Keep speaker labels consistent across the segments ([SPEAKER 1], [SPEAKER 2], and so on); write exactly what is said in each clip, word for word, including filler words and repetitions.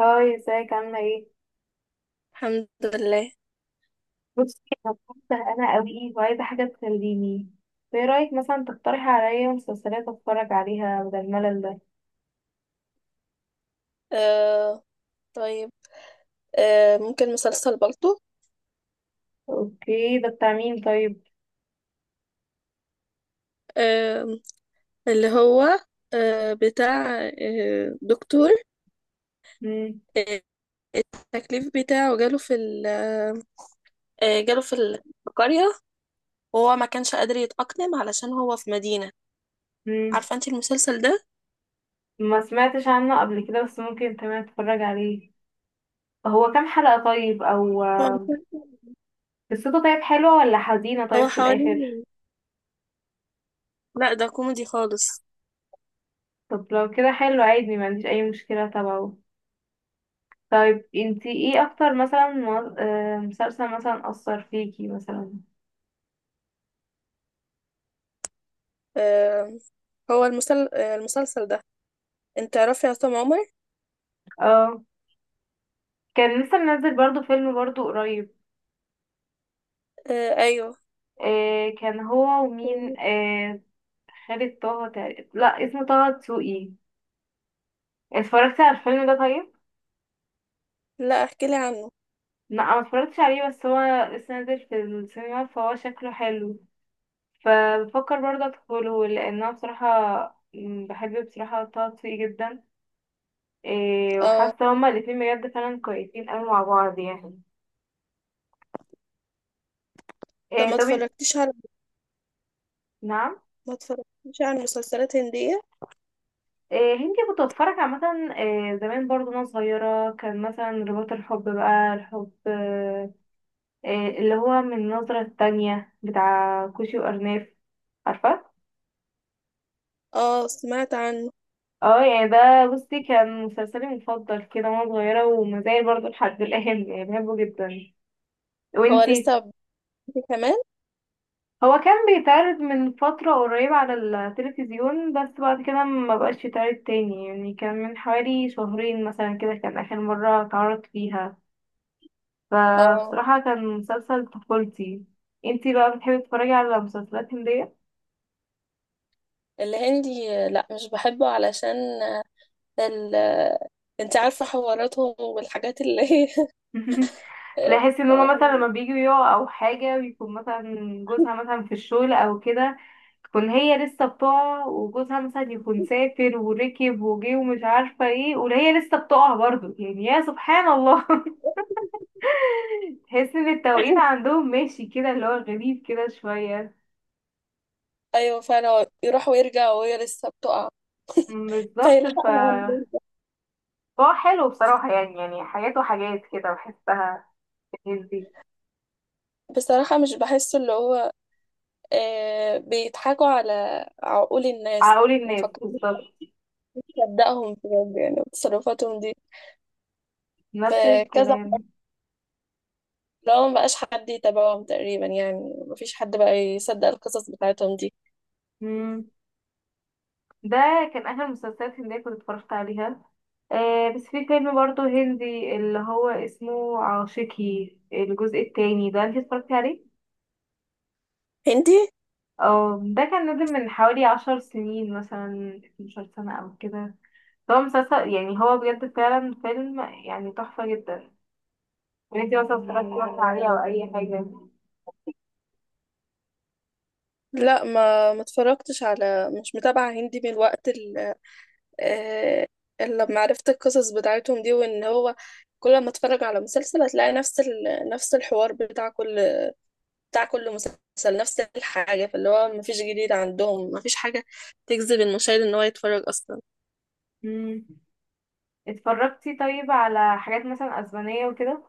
[SPEAKER 1] هاي، ازيك عاملة ايه؟
[SPEAKER 2] الحمد لله.
[SPEAKER 1] بصي، انا كنت زهقانة قوي وعايزة حاجة تسليني. فايه رأيك مثلا تقترحي عليا مسلسلات اتفرج عليها بدل الملل ده؟
[SPEAKER 2] آه طيب. آه ممكن مسلسل بالطو.
[SPEAKER 1] اوكي، ده بتاع مين طيب؟
[SPEAKER 2] آه اللي هو آه بتاع آه دكتور.
[SPEAKER 1] مم.
[SPEAKER 2] آه التكليف بتاعه جاله في ال- آه آه، جاله في ال- في القرية، وهو ما كانش قادر يتأقلم علشان هو في مدينة.
[SPEAKER 1] مم.
[SPEAKER 2] عارفة انت المسلسل ده؟
[SPEAKER 1] ما سمعتش عنه قبل كده بس ممكن تمام اتفرج عليه. هو كام حلقة طيب؟ او
[SPEAKER 2] هو
[SPEAKER 1] قصته طيب حلوة ولا حزينة
[SPEAKER 2] هو
[SPEAKER 1] طيب في
[SPEAKER 2] حوالي...
[SPEAKER 1] الاخر؟
[SPEAKER 2] لا، ده كوميدي خالص.
[SPEAKER 1] طب لو كده حلو عادي، ما عنديش اي مشكلة تبعه. طيب انتي ايه اكتر مثلا مو- آه، مسلسل مثلا اثر فيكي مثلا؟
[SPEAKER 2] آه هو المسل... آه، المسلسل ده، انت تعرفي عصام عمر؟
[SPEAKER 1] اه، كان لسه منزل برضو فيلم برضو قريب.
[SPEAKER 2] آه ايوه.
[SPEAKER 1] آه كان هو ومين آه خالد طه تقريبا، لا اسمه طه دسوقي. اتفرجت على الفيلم ده طيب؟
[SPEAKER 2] لا، احكي لي عنه.
[SPEAKER 1] لا، ما اتفرجتش عليه بس هو لسه نازل في السينما فهو شكله حلو، فبفكر برضه ادخله لان انا بصراحه م، بحب بصراحه طه دسوقي جدا. آه
[SPEAKER 2] اه،
[SPEAKER 1] وحاسه هما الاتنين بجد فعلا كويسين قوي مع بعض يعني.
[SPEAKER 2] طب
[SPEAKER 1] آه
[SPEAKER 2] ما
[SPEAKER 1] طب إن-
[SPEAKER 2] اتفرجتيش على
[SPEAKER 1] نعم؟
[SPEAKER 2] ما اتفرجتش على مسلسلات هندية؟
[SPEAKER 1] إيه، هندي؟ كنت بتفرج عامة، إيه زمان برضو وانا صغيرة، كان مثلا رباط الحب، بقى الحب إيه اللي هو من النظرة التانية بتاع كوشي وأرناف، عارفة.
[SPEAKER 2] اه، سمعت عنه.
[SPEAKER 1] اه، يعني ده بصي كان مسلسلي المفضل كده وانا صغيرة، ومازال برضو لحد الآن، يعني بحبه جدا.
[SPEAKER 2] هو
[SPEAKER 1] وانتي؟
[SPEAKER 2] لسه بيبتدي كمان.
[SPEAKER 1] هو كان بيتعرض من فترة قريبة على التلفزيون، بس بعد كده ما بقاش يتعرض تاني، يعني كان من حوالي شهرين مثلا كده كان آخر مرة اتعرض فيها.
[SPEAKER 2] اه،
[SPEAKER 1] فبصراحة كان مسلسل طفولتي. انتي بقى بتحبي تتفرجي على مسلسلات هندية؟
[SPEAKER 2] الهندي لا، مش بحبه، علشان ال انت عارفة حواراتهم والحاجات اللي هي...
[SPEAKER 1] تلاقي ان هما مثلا لما بييجوا يقعوا او حاجة، بيكون مثلا جوزها مثلا في الشغل او كده، تكون هي لسه بتقع، وجوزها مثلا يكون سافر وركب وجه ومش عارفة ايه، وهي لسه بتقع برضه، يعني يا سبحان الله. تحس ان التوقيت عندهم ماشي كده اللي هو غريب كده شوية.
[SPEAKER 2] ايوه، فعلا هو يروح ويرجع وهي لسه بتقع،
[SPEAKER 1] مم، بالظبط. ف
[SPEAKER 2] فيلحقها لما يرجع.
[SPEAKER 1] هو حلو بصراحة، يعني يعني حاجات وحاجات كده بحسها في الناس دي.
[SPEAKER 2] بصراحة مش بحسه، اللي هو آه بيضحكوا على عقول الناس،
[SPEAKER 1] عقول الناس
[SPEAKER 2] مفكرين
[SPEAKER 1] بالظبط،
[SPEAKER 2] يصدقهم بجد يعني تصرفاتهم دي،
[SPEAKER 1] نفس
[SPEAKER 2] فكذا،
[SPEAKER 1] الكلام.
[SPEAKER 2] لو ما بقاش حد يتابعهم تقريبا يعني، ما فيش حد بقى يصدق القصص بتاعتهم دي.
[SPEAKER 1] مم. ده كان اخر مسلسلات هندية كنت اتفرجت عليها. آه بس في فيلم برضه هندي اللي هو اسمه عاشقي الجزء التاني، ده انت اتفرجتي عليه؟
[SPEAKER 2] هندي؟
[SPEAKER 1] اه، ده كان نازل من حوالي عشر سنين، مثلا 12 سنة او كده. هو مسلسل، يعني هو بجد فعلا فيلم يعني تحفة جدا. وانتي مثلا اتفرجتي مثلا عليه او اي حاجة؟
[SPEAKER 2] لا، ما ما اتفرجتش على. مش متابعة هندي من الوقت ال- آه، لما عرفت القصص بتاعتهم دي، وان هو كل ما اتفرج على مسلسل هتلاقي نفس ال... نفس الحوار، بتاع كل بتاع كل مسلسل نفس الحاجة، فاللي هو ما فيش جديد عندهم، ما فيش حاجة تجذب المشاهد ان هو يتفرج اصلا.
[SPEAKER 1] مم. اتفرجتي طيب على حاجات مثلا اسبانية وكده؟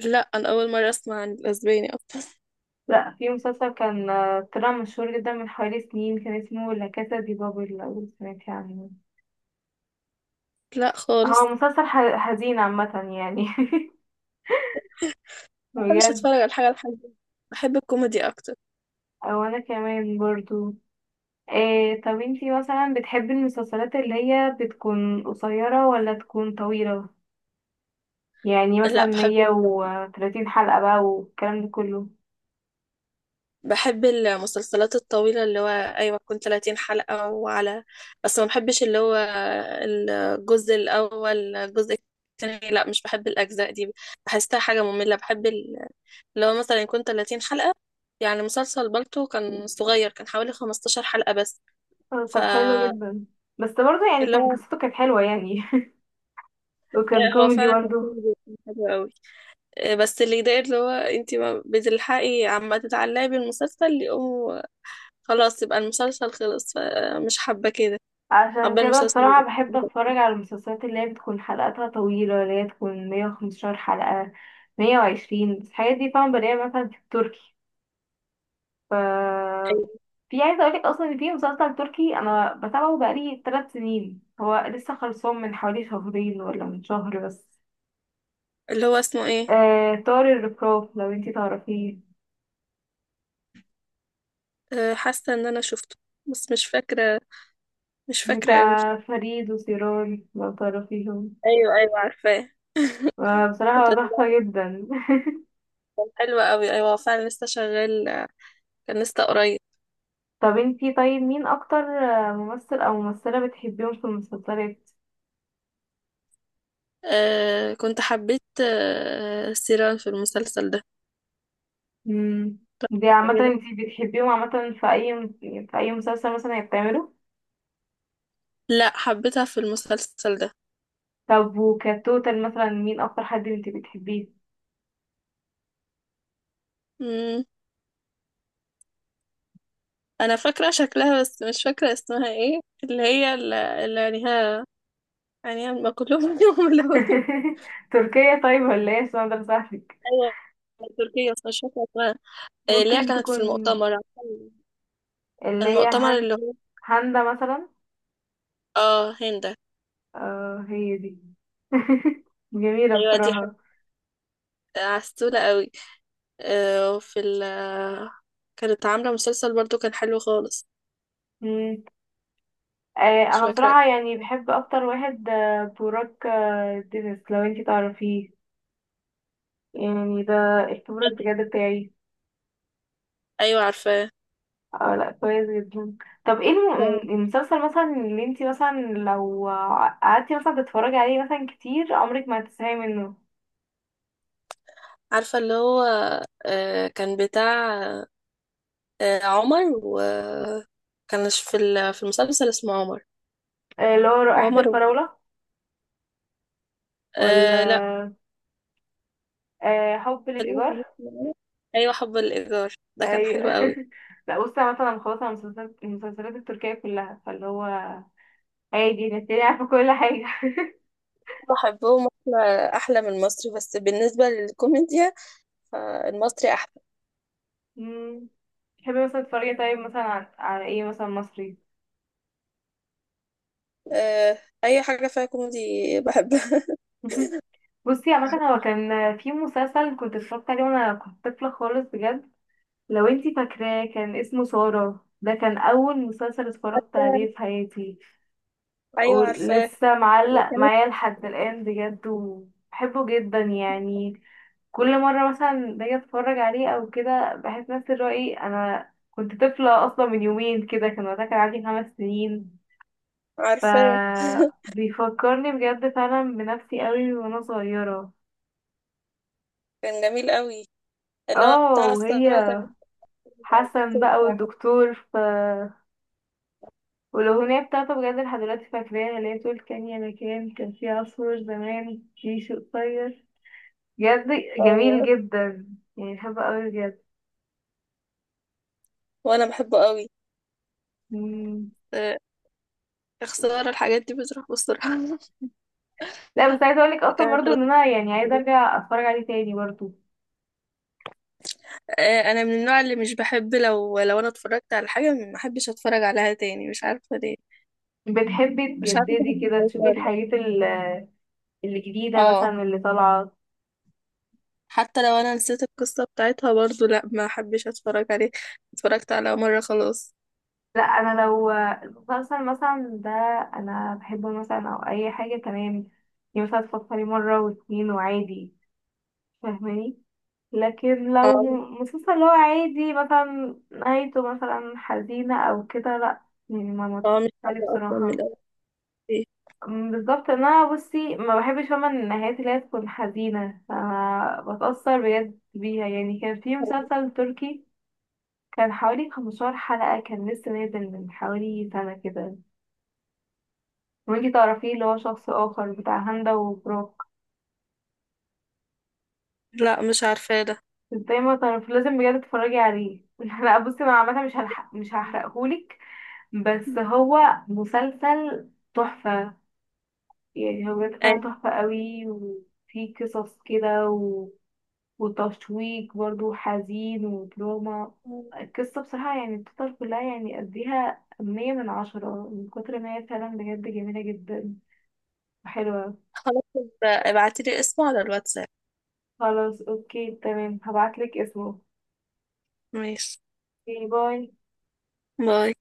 [SPEAKER 2] لا، انا اول مرة اسمع عن الاسباني اصلا.
[SPEAKER 1] لا، في مسلسل كان آه، طلع مشهور جدا من حوالي سنين، كان اسمه لا كاسا دي بابل، لو سمعتي عنه.
[SPEAKER 2] لا،
[SPEAKER 1] هو
[SPEAKER 2] خالص.
[SPEAKER 1] مسلسل ح- حزين عامة يعني.
[SPEAKER 2] ما بحبش
[SPEAKER 1] بجد.
[SPEAKER 2] اتفرج على الحاجة الحزينة، بحب الكوميدي اكتر.
[SPEAKER 1] او انا كمان برضو. إيه طب انتي مثلا بتحبي المسلسلات اللي هي بتكون قصيرة ولا تكون طويلة، يعني مثلا
[SPEAKER 2] لا، بحب
[SPEAKER 1] مية
[SPEAKER 2] ال...
[SPEAKER 1] وتلاتين حلقة بقى والكلام ده كله؟
[SPEAKER 2] بحب المسلسلات الطويلة، اللي هو ايوه، تكون ثلاثين حلقة وعلى. بس ما بحبش اللي هو الجزء الاول، الجزء الثاني، لا مش بحب الاجزاء دي، بحسها حاجة مملة. بحب ال- اللي هو مثلا يكون ثلاثين حلقة. يعني مسلسل بالتو كان صغير، كان حوالي خمسة عشر حلقة بس.
[SPEAKER 1] آه، طب حلو
[SPEAKER 2] فاللي
[SPEAKER 1] جدا، بس برضه يعني كان
[SPEAKER 2] هو
[SPEAKER 1] قصته كانت حلوة يعني. وكان
[SPEAKER 2] آه، هو
[SPEAKER 1] كوميدي
[SPEAKER 2] فعلا كان
[SPEAKER 1] برضه.
[SPEAKER 2] كوميدي، كان حلو قوي. آه، بس اللي يضايق، اللي هو انتي ما بتلحقي عما تتعلقي بالمسلسل يقوم خلاص يبقى المسلسل خلص، فمش حابة كده.
[SPEAKER 1] عشان
[SPEAKER 2] حابة
[SPEAKER 1] كده
[SPEAKER 2] المسلسل
[SPEAKER 1] بصراحة بحب اتفرج على المسلسلات اللي هي بتكون حلقاتها طويلة، اللي هي تكون مية وخمستاشر حلقة، مية وعشرين، بس الحاجات دي طبعا بلاقيها مثلا في التركي. ف في عايزة اقولك اصلا ان في مسلسل تركي انا بتابعه بقالي تلات سنين، هو لسه خلصان من حوالي شهرين ولا من شهر بس.
[SPEAKER 2] اللي هو اسمه ايه؟
[SPEAKER 1] آه طار الرفراف، لو انتي تعرفيه،
[SPEAKER 2] آه، حاسة ان انا شفته، بس مش فاكرة، مش فاكرة قوي.
[SPEAKER 1] بتاع فريد وسيران لو تعرفيهم.
[SPEAKER 2] ايوه، ايوه، عارفاه.
[SPEAKER 1] آه،
[SPEAKER 2] كنت
[SPEAKER 1] بصراحة هو
[SPEAKER 2] تابعته.
[SPEAKER 1] تحفة جدا.
[SPEAKER 2] حلوة قوي، ايوه، هو فعلا لسه شغال، كان لسه قريب.
[SPEAKER 1] طب انتي طيب مين اكتر آه، ممثل او ممثلة بتحبيهم في المسلسلات؟
[SPEAKER 2] آه كنت حبيت آه سيران في المسلسل ده.
[SPEAKER 1] مم. دي عامة انتي بتحبيهم عامة في اي في اي مسلسل مثلا هي بتعمله؟
[SPEAKER 2] لا، حبيتها في المسلسل ده.
[SPEAKER 1] طب وكتوتال مثلا مين اكتر حد انتي بتحبيه؟
[SPEAKER 2] مم. انا فاكره شكلها، بس مش فاكره اسمها ايه، اللي هي ال- اللي عينيها عينيها ما كلهم فيهم ملونين.
[SPEAKER 1] تركيا طيب ولا ايه عشان اقدر اساعدك؟
[SPEAKER 2] ايوه، تركيا، بس مش فاكره اسمها. إيه، اللي هي
[SPEAKER 1] ممكن
[SPEAKER 2] كانت في
[SPEAKER 1] تكون
[SPEAKER 2] المؤتمر،
[SPEAKER 1] اللي هي
[SPEAKER 2] المؤتمر
[SPEAKER 1] هن...
[SPEAKER 2] اللي هو...
[SPEAKER 1] هاندا مثلا؟
[SPEAKER 2] اه، هند.
[SPEAKER 1] اه، هي دي. جميلة
[SPEAKER 2] ايوه، دي حاجة
[SPEAKER 1] بصراحة.
[SPEAKER 2] عسولة قوي. آه، وفي ال كانت عاملة مسلسل برضو كان حلو خالص.
[SPEAKER 1] مم. آه،
[SPEAKER 2] مش
[SPEAKER 1] انا
[SPEAKER 2] فاكرة.
[SPEAKER 1] بصراحة يعني بحب اكتر واحد آه، بوراك، آه، دينيس، لو انتي تعرفيه. يعني ده الكبر بجد بتاعي.
[SPEAKER 2] ايوه، عارفاه.
[SPEAKER 1] اه، لا كويس جدا. طب ايه الم-
[SPEAKER 2] أيوة.
[SPEAKER 1] المسلسل مثلا اللي انتي مثلا لو قعدتي مثلا تتفرجي عليه مثلا كتير عمرك ما هتزهقي منه؟
[SPEAKER 2] عارفة اللي هو آه، كان بتاع آه، عمر، وكانش في ال- في المسلسل اسمه عمر.
[SPEAKER 1] آه، اللي هو رائحة
[SPEAKER 2] عمر.
[SPEAKER 1] الفراولة؟
[SPEAKER 2] آه لا.
[SPEAKER 1] ولا آه، حب
[SPEAKER 2] خلينا في
[SPEAKER 1] للإيجار؟
[SPEAKER 2] مصر. ايوه، حب الايجار ده كان
[SPEAKER 1] أيوة.
[SPEAKER 2] حلو قوي.
[SPEAKER 1] لا بصي، أنا مثلا خلاص على المسلسلات المسلسلات التركية كلها فاللي هو عادي، نتيجة عارفة كل حاجة.
[SPEAKER 2] بحبهم احلى احلى من المصري، بس بالنسبه للكوميديا فالمصري احلى.
[SPEAKER 1] مم. تحبي مثلا تتفرجي طيب مثلا عن- على ايه مثلا مصري؟
[SPEAKER 2] آه اي حاجه فيها كوميدي بحبها.
[SPEAKER 1] بصي عامة هو كان في مسلسل كنت اتفرجت عليه وانا كنت طفلة خالص بجد، لو انتي فاكراه، كان اسمه سارة، ده كان أول مسلسل اتفرجت عليه في حياتي،
[SPEAKER 2] ايوه، عارفاه.
[SPEAKER 1] ولسه
[SPEAKER 2] اللي
[SPEAKER 1] معلق
[SPEAKER 2] كانت...
[SPEAKER 1] معايا لحد الآن بجد، وبحبه جدا يعني. كل مرة مثلا باجي اتفرج عليه أو كده بحس نفس الرأي، أنا كنت طفلة أصلا من يومين كده، كان وقتها كان عندي خمس سنين. ف
[SPEAKER 2] عارفاه.
[SPEAKER 1] بيفكرني بجد فعلا بنفسي قوي وانا صغيرة.
[SPEAKER 2] كان جميل قوي، اللي هو
[SPEAKER 1] اه،
[SPEAKER 2] بتاع
[SPEAKER 1] وهي
[SPEAKER 2] الثوره، وكان
[SPEAKER 1] حسن
[SPEAKER 2] الدكتور
[SPEAKER 1] بقى
[SPEAKER 2] بتاعها.
[SPEAKER 1] والدكتور ف... والأغنية بتاعته بجد لحد دلوقتي فاكراها، اللي هي بتقول كان يا مكان كان في عصفور زمان في شوق طير. بجد جميل
[SPEAKER 2] ايوه،
[SPEAKER 1] جدا، يعني بحبه أوي بجد.
[SPEAKER 2] وانا بحبه قوي.
[SPEAKER 1] مم.
[SPEAKER 2] آه، خسارة الحاجات دي بتروح بسرعة.
[SPEAKER 1] لا بس عايزة أقولك أصلا
[SPEAKER 2] كانت...
[SPEAKER 1] برضه إن أنا يعني عايزة أرجع أتفرج عليه تاني برضه.
[SPEAKER 2] آه، انا من النوع اللي مش بحب، لو لو انا اتفرجت على حاجه ما احبش اتفرج عليها تاني، مش عارفه ليه.
[SPEAKER 1] بتحبي
[SPEAKER 2] مش عارفه
[SPEAKER 1] تجددي
[SPEAKER 2] بحب
[SPEAKER 1] كده
[SPEAKER 2] الفكره
[SPEAKER 1] تشوفي
[SPEAKER 2] ولا لأ.
[SPEAKER 1] الحاجات ال- الجديدة
[SPEAKER 2] اه.
[SPEAKER 1] مثلا اللي طالعة.
[SPEAKER 2] حتى لو انا نسيت القصه بتاعتها برضو، لا ما احبش اتفرج عليه، اتفرجت على مره خلاص.
[SPEAKER 1] لا، أنا لو مسلسل مثلا ده أنا بحبه مثلا أو أي حاجة تمام، يعني مثلا تفكري مرة واتنين وعادي، فاهماني؟ لكن لو
[SPEAKER 2] اه
[SPEAKER 1] مسلسل اللي هو عادي مثلا نهايته مثلا حزينة او كده، لا، يعني ما متفرجش
[SPEAKER 2] اه مش
[SPEAKER 1] عليه
[SPEAKER 2] عارفه اصلا من
[SPEAKER 1] بصراحة.
[SPEAKER 2] الاول ايه.
[SPEAKER 1] أم، بالظبط، إن انا بصي ما بحبش، فاهمة النهايات اللي هي تكون حزينة أنا بتأثر بجد بيها. يعني كان في مسلسل تركي كان حوالي 15 حلقة، كان لسه نازل من حوالي سنة كده، وانتي تعرفيه؟ اللي هو شخص آخر، بتاع هندة وبروك.
[SPEAKER 2] لا، مش عارفه ده.
[SPEAKER 1] ازاي ما تعرف؟ لازم بجد تتفرجي عليه. لا بصي، انا عامة مش هلحق مش هحرقهولك، بس هو مسلسل تحفة. يعني هو بجد فعلا
[SPEAKER 2] أيوة.
[SPEAKER 1] تحفة قوي، وفيه قصص كده و... وتشويق برضو، حزين ودراما. القصة بصراحة، يعني التوتال كلها، يعني أديها مية من عشرة من كتر ما هي فعلا بجد جميلة جدا وحلوة.
[SPEAKER 2] خلاص، ابعتيلي اسمه على الواتساب.
[SPEAKER 1] خلاص اوكي تمام، هبعتلك اسمه.
[SPEAKER 2] ماشي.
[SPEAKER 1] باي باي.
[SPEAKER 2] باي.